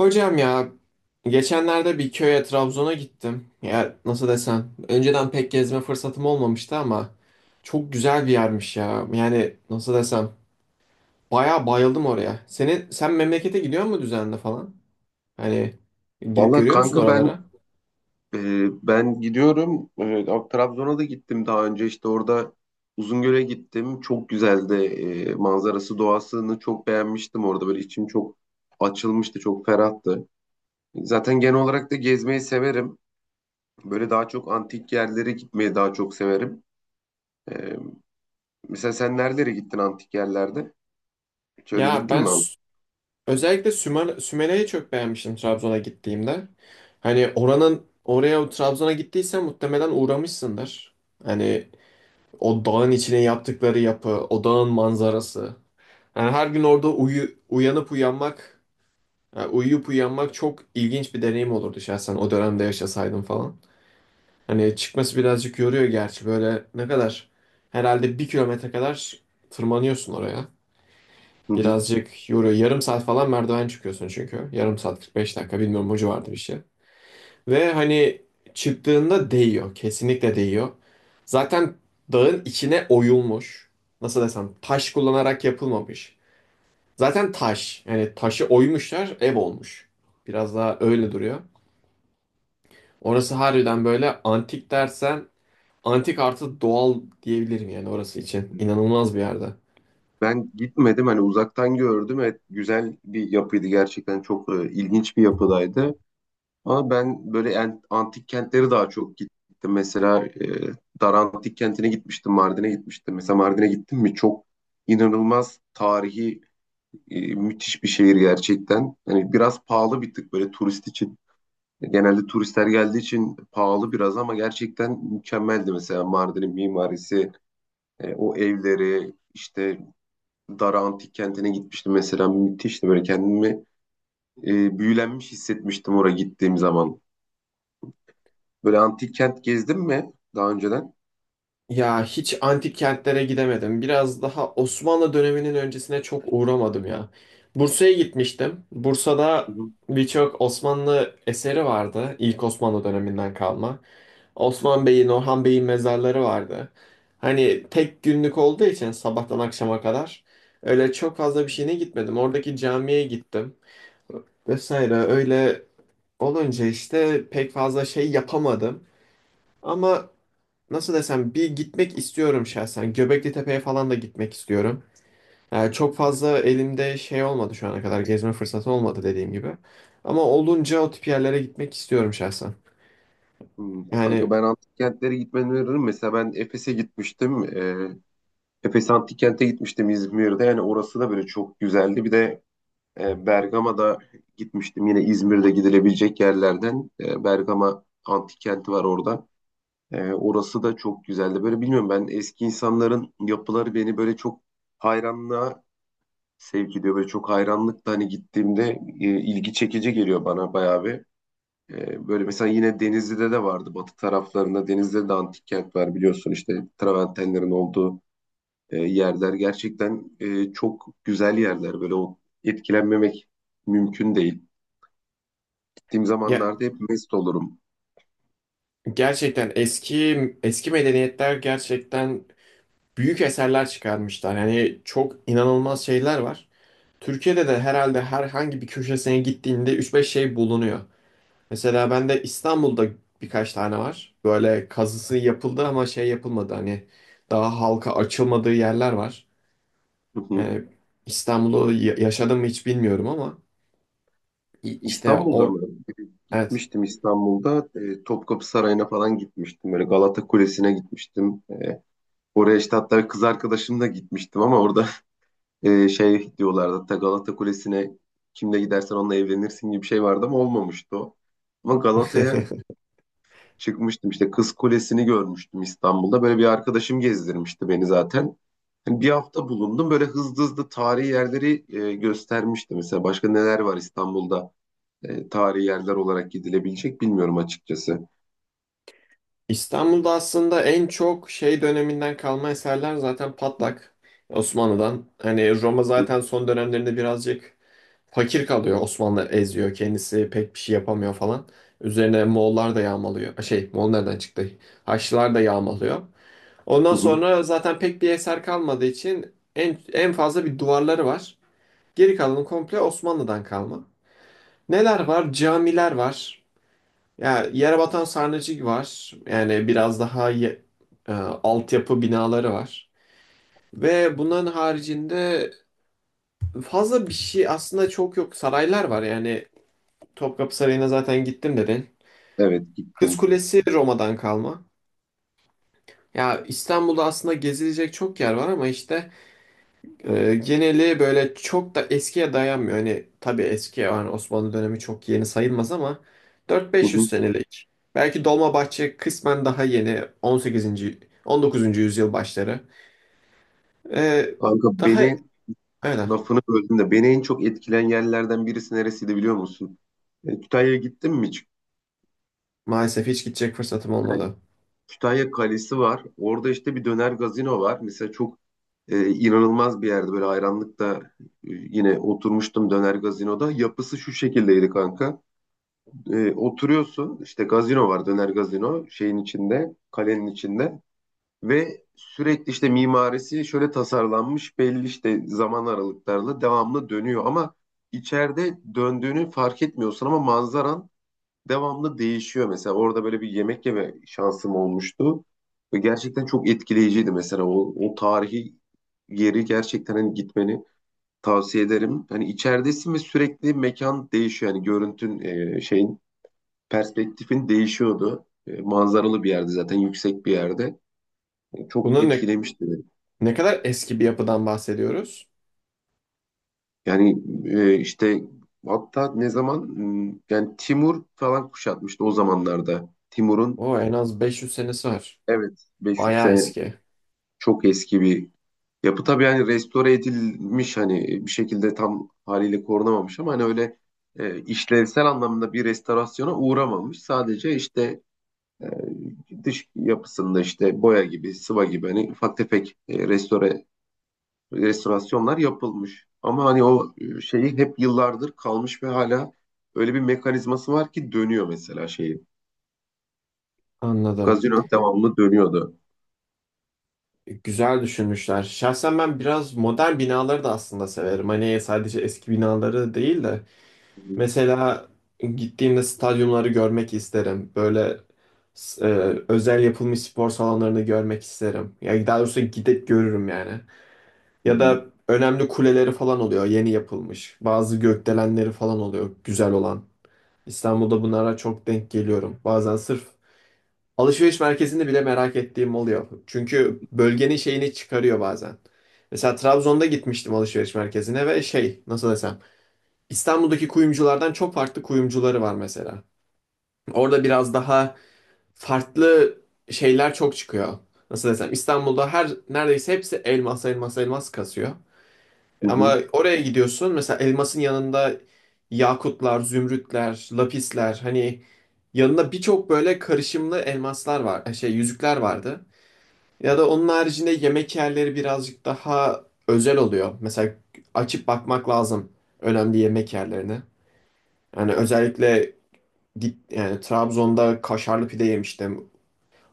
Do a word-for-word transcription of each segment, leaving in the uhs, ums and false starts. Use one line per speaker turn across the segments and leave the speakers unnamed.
Hocam ya, geçenlerde bir köye Trabzon'a gittim. Ya nasıl desem önceden pek gezme fırsatım olmamıştı ama çok güzel bir yermiş ya. Yani nasıl desem bayağı bayıldım oraya. Senin sen memlekete gidiyor mu düzenli falan? Hani gidip
Vallahi
görüyor musun
kanka ben
oralara?
e, ben gidiyorum. E, Trabzon'a da gittim daha önce işte orada Uzungöl'e gittim. Çok güzeldi. E, manzarası, doğasını çok beğenmiştim orada. Böyle içim çok açılmıştı, çok ferahtı. Zaten genel olarak da gezmeyi severim. Böyle daha çok antik yerlere gitmeyi daha çok severim. E, mesela sen nerelere gittin antik yerlerde? Şöyle
Ya
gittin
ben
mi abi?
Sü- Özellikle Sümer, Sümele'yi çok beğenmiştim Trabzon'a gittiğimde. Hani oranın oraya Trabzon'a gittiysen muhtemelen uğramışsındır. Hani o dağın içine yaptıkları yapı, o dağın manzarası. Yani her gün orada uyu, uyanıp uyanmak, yani uyuyup uyanmak çok ilginç bir deneyim olurdu şahsen o dönemde yaşasaydım falan. Hani çıkması birazcık yoruyor gerçi. Böyle ne kadar, herhalde bir kilometre kadar tırmanıyorsun oraya.
Hı hı.
Birazcık yoruyor. Yarım saat falan merdiven çıkıyorsun çünkü. Yarım saat kırk beş dakika, bilmiyorum, o vardı bir şey. Ve hani çıktığında değiyor. Kesinlikle değiyor. Zaten dağın içine oyulmuş. Nasıl desem taş kullanarak yapılmamış. Zaten taş. Yani taşı oymuşlar, ev olmuş. Biraz daha öyle duruyor. Orası harbiden böyle antik dersen, antik artı doğal diyebilirim yani orası için. İnanılmaz bir yerde.
Ben gitmedim, hani uzaktan gördüm. Evet, güzel bir yapıydı gerçekten, çok e, ilginç bir yapıdaydı. Ama ben böyle en- antik kentlere daha çok gittim. Mesela e, Dar Antik Kenti'ne gitmiştim, Mardin'e gitmiştim. Mesela Mardin'e gittim mi çok inanılmaz tarihi e, müthiş bir şehir gerçekten. Hani biraz pahalı bir tık böyle turist için. Genelde turistler geldiği için pahalı biraz ama gerçekten mükemmeldi mesela Mardin'in mimarisi, e, o evleri, işte Dar Antik Kenti'ne gitmiştim mesela müthişti böyle kendimi e, büyülenmiş hissetmiştim oraya gittiğim zaman. Böyle antik kent gezdin mi daha önceden?
Ya hiç antik kentlere gidemedim. Biraz daha Osmanlı döneminin öncesine çok uğramadım ya. Bursa'ya gitmiştim.
Hı
Bursa'da
hı.
birçok Osmanlı eseri vardı. İlk Osmanlı döneminden kalma. Osman Bey'in, Orhan Bey'in mezarları vardı. Hani tek günlük olduğu için sabahtan akşama kadar öyle çok fazla bir şeyine gitmedim. Oradaki camiye gittim vesaire. Öyle olunca işte pek fazla şey yapamadım. Ama nasıl desem bir gitmek istiyorum şahsen. Göbekli Tepe'ye falan da gitmek istiyorum. Yani çok fazla elimde şey olmadı, şu ana kadar gezme fırsatı olmadı dediğim gibi. Ama olunca o tip yerlere gitmek istiyorum şahsen.
Hmm, kanka
Yani
ben antik kentlere gitmeni öneririm. Mesela ben Efes'e gitmiştim. Ee, Efes Antik Kent'e gitmiştim İzmir'de. Yani orası da böyle çok güzeldi. Bir de e, Bergama'da gitmiştim. Yine İzmir'de gidilebilecek yerlerden. e, Bergama Antik Kenti var orada. E, orası da çok güzeldi. Böyle bilmiyorum, ben eski insanların yapıları beni böyle çok hayranlığa sevk ediyor. Böyle çok hayranlıkla hani gittiğimde e, ilgi çekici geliyor bana bayağı bir. Ee, Böyle mesela yine Denizli'de de vardı batı taraflarında. Denizli'de de antik kent var biliyorsun, işte travertenlerin olduğu e, yerler. Gerçekten e, çok güzel yerler. Böyle o etkilenmemek mümkün değil. Gittiğim
ya
zamanlarda hep mest olurum.
gerçekten eski eski medeniyetler gerçekten büyük eserler çıkarmışlar. Yani çok inanılmaz şeyler var. Türkiye'de de herhalde herhangi bir köşesine gittiğinde üç beş şey bulunuyor. Mesela ben de İstanbul'da birkaç tane var. Böyle kazısı yapıldı ama şey yapılmadı. Hani daha halka açılmadığı yerler var.
Hı hı.
Yani İstanbul'u ya- yaşadım mı hiç bilmiyorum ama i- işte
İstanbul'da
o,
mı?
evet.
Gitmiştim İstanbul'da. E, Topkapı Sarayı'na falan gitmiştim. Böyle Galata Kulesi'ne gitmiştim. E, Oraya işte hatta kız arkadaşımla gitmiştim ama orada e, şey diyorlardı. Hatta Galata Kulesi'ne kimle gidersen onunla evlenirsin gibi bir şey vardı ama olmamıştı o. Ama Galata'ya çıkmıştım, işte Kız Kulesi'ni görmüştüm İstanbul'da. Böyle bir arkadaşım gezdirmişti beni zaten. Hani bir hafta bulundum, böyle hızlı hızlı tarihi yerleri e, göstermişti. Mesela başka neler var İstanbul'da e, tarihi yerler olarak gidilebilecek, bilmiyorum açıkçası.
İstanbul'da aslında en çok şey döneminden kalma eserler zaten Patlak Osmanlı'dan. Hani Roma zaten son dönemlerinde birazcık fakir kalıyor. Osmanlı eziyor, kendisi pek bir şey yapamıyor falan. Üzerine Moğollar da yağmalıyor. Şey, Moğol nereden çıktı? Haçlılar da yağmalıyor. Ondan
Hı hı.
sonra zaten pek bir eser kalmadığı için en, en fazla bir duvarları var. Geri kalanı komple Osmanlı'dan kalma. Neler var? Camiler var. Ya yere batan sarnıcı var. Yani biraz daha ye- e, altyapı binaları var. Ve bunların haricinde fazla bir şey aslında çok yok. Saraylar var. Yani Topkapı Sarayı'na zaten gittim dedin.
Evet,
Kız
gittim.
Kulesi Roma'dan kalma. Ya İstanbul'da aslında gezilecek çok yer var ama işte Ee, geneli böyle çok da eskiye dayanmıyor. Hani tabii eski, yani Osmanlı dönemi çok yeni sayılmaz ama
Hı
dört beş yüz
hı.
senelik. Belki Dolmabahçe kısmen daha yeni, on sekizinci. on dokuzuncu yüzyıl başları. Ee,
Kanka,
daha
beni
öyle.
lafını böldüm de beni en çok etkilen yerlerden birisi neresiydi biliyor musun? E, Kütahya'ya gittim mi hiç?
Maalesef hiç gidecek fırsatım
Yani
olmadı.
Kütahya Kalesi var. Orada işte bir döner gazino var. Mesela çok e, inanılmaz bir yerde böyle hayranlıkta e, yine oturmuştum döner gazinoda. Yapısı şu şekildeydi kanka. E, oturuyorsun işte gazino var, döner gazino şeyin içinde, kalenin içinde. Ve sürekli işte mimarisi şöyle tasarlanmış, belli işte zaman aralıklarla devamlı dönüyor ama içeride döndüğünü fark etmiyorsun ama manzaran devamlı değişiyor. Mesela orada böyle bir yemek yeme şansım olmuştu ve gerçekten çok etkileyiciydi, mesela o, o tarihi yeri gerçekten hani gitmeni tavsiye ederim. Hani içeridesin ve sürekli mekan değişiyor, yani görüntün e, şeyin perspektifin değişiyordu. E, manzaralı bir yerde zaten, yüksek bir yerde. E, çok
Bunun ne,
etkilemişti beni.
ne kadar eski bir yapıdan bahsediyoruz?
Yani e, işte hatta ne zaman hmm, yani Timur falan kuşatmıştı o zamanlarda. Timur'un,
O en az beş yüz senesi var.
evet, beş yüz
Bayağı
sene
eski.
çok eski bir yapı tabii, yani restore edilmiş, hani bir şekilde tam haliyle korunamamış ama hani öyle e, işlevsel anlamda bir restorasyona uğramamış. Sadece işte e, dış yapısında işte boya gibi, sıva gibi hani ufak tefek e, restore restorasyonlar yapılmış. Ama hani o e, şeyi hep yıllardır kalmış ve hala öyle bir mekanizması var ki dönüyor mesela şeyi.
Anladım.
Kazino devamlı dönüyordu.
Güzel düşünmüşler. Şahsen ben biraz modern binaları da aslında severim. Hani sadece eski binaları değil de
Hı,
mesela gittiğimde stadyumları görmek isterim. Böyle s- e, özel yapılmış spor salonlarını görmek isterim. Ya daha doğrusu gidip görürüm yani. Ya da önemli kuleleri falan oluyor, yeni yapılmış. Bazı gökdelenleri falan oluyor, güzel olan. İstanbul'da bunlara çok denk geliyorum. Bazen sırf alışveriş merkezinde bile merak ettiğim oluyor. Çünkü bölgenin şeyini çıkarıyor bazen. Mesela Trabzon'da gitmiştim alışveriş merkezine ve şey nasıl desem İstanbul'daki kuyumculardan çok farklı kuyumcuları var mesela. Orada biraz daha farklı şeyler çok çıkıyor. Nasıl desem İstanbul'da her neredeyse hepsi elmas elmas elmas kasıyor.
hı
Ama
hı,
oraya gidiyorsun, mesela elmasın yanında yakutlar, zümrütler, lapisler, hani yanında birçok böyle karışımlı elmaslar var, şey yüzükler vardı. Ya da onun haricinde yemek yerleri birazcık daha özel oluyor. Mesela açıp bakmak lazım önemli yemek yerlerine. Yani özellikle git, yani Trabzon'da kaşarlı pide yemiştim.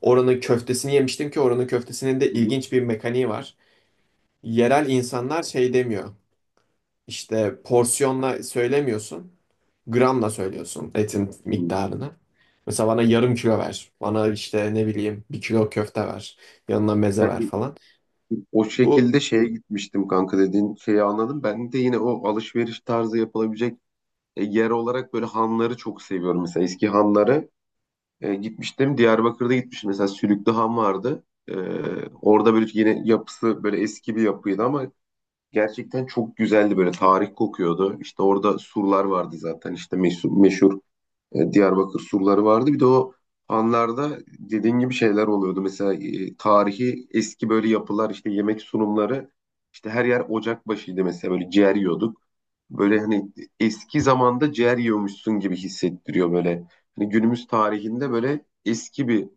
Oranın köftesini yemiştim ki oranın köftesinin de
hı hı,
ilginç bir mekaniği var. Yerel insanlar şey demiyor. İşte porsiyonla söylemiyorsun, gramla söylüyorsun etin
hı hı.
miktarını. Mesela bana yarım kilo ver. Bana işte ne bileyim bir kilo köfte ver. Yanına meze
Ben
ver falan.
o
Bu
şekilde şeye gitmiştim kanka, dediğin şeyi anladım. Ben de yine o alışveriş tarzı yapılabilecek e, yer olarak böyle hanları çok seviyorum. Mesela eski hanları e, gitmiştim. Diyarbakır'da gitmiştim. Mesela Sülüklü Han vardı. E, orada böyle yine yapısı böyle eski bir yapıydı ama gerçekten çok güzeldi, böyle tarih kokuyordu. İşte orada surlar vardı zaten, işte meşhur, meşhur e, Diyarbakır surları vardı. Bir de o anlarda dediğin gibi şeyler oluyordu. Mesela e, tarihi eski böyle yapılar, işte yemek sunumları, işte her yer ocak başıydı mesela, böyle ciğer yiyorduk. Böyle hani eski zamanda ciğer yiyormuşsun gibi hissettiriyor böyle. Hani günümüz tarihinde böyle eski bir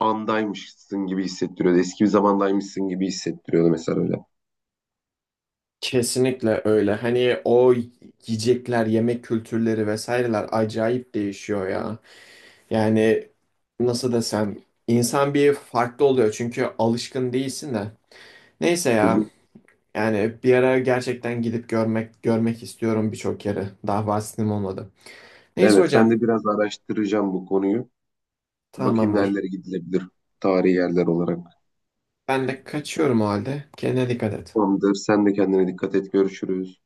andaymışsın gibi hissettiriyordu. Eski bir zamandaymışsın gibi hissettiriyordu mesela öyle.
Kesinlikle öyle. Hani o yiyecekler, yemek kültürleri vesaireler acayip değişiyor ya. Yani nasıl desem insan bir farklı oluyor çünkü alışkın değilsin de. Neyse
Hı
ya.
hı.
Yani bir ara gerçekten gidip görmek görmek istiyorum birçok yeri. Daha vaktim olmadı. Neyse
Evet,
hocam,
ben de biraz araştıracağım bu konuyu. Bakayım
tamamdır.
nerelere gidilebilir tarihi yerler olarak.
Ben de kaçıyorum o halde. Kendine dikkat et.
Tamamdır. Sen de kendine dikkat et. Görüşürüz.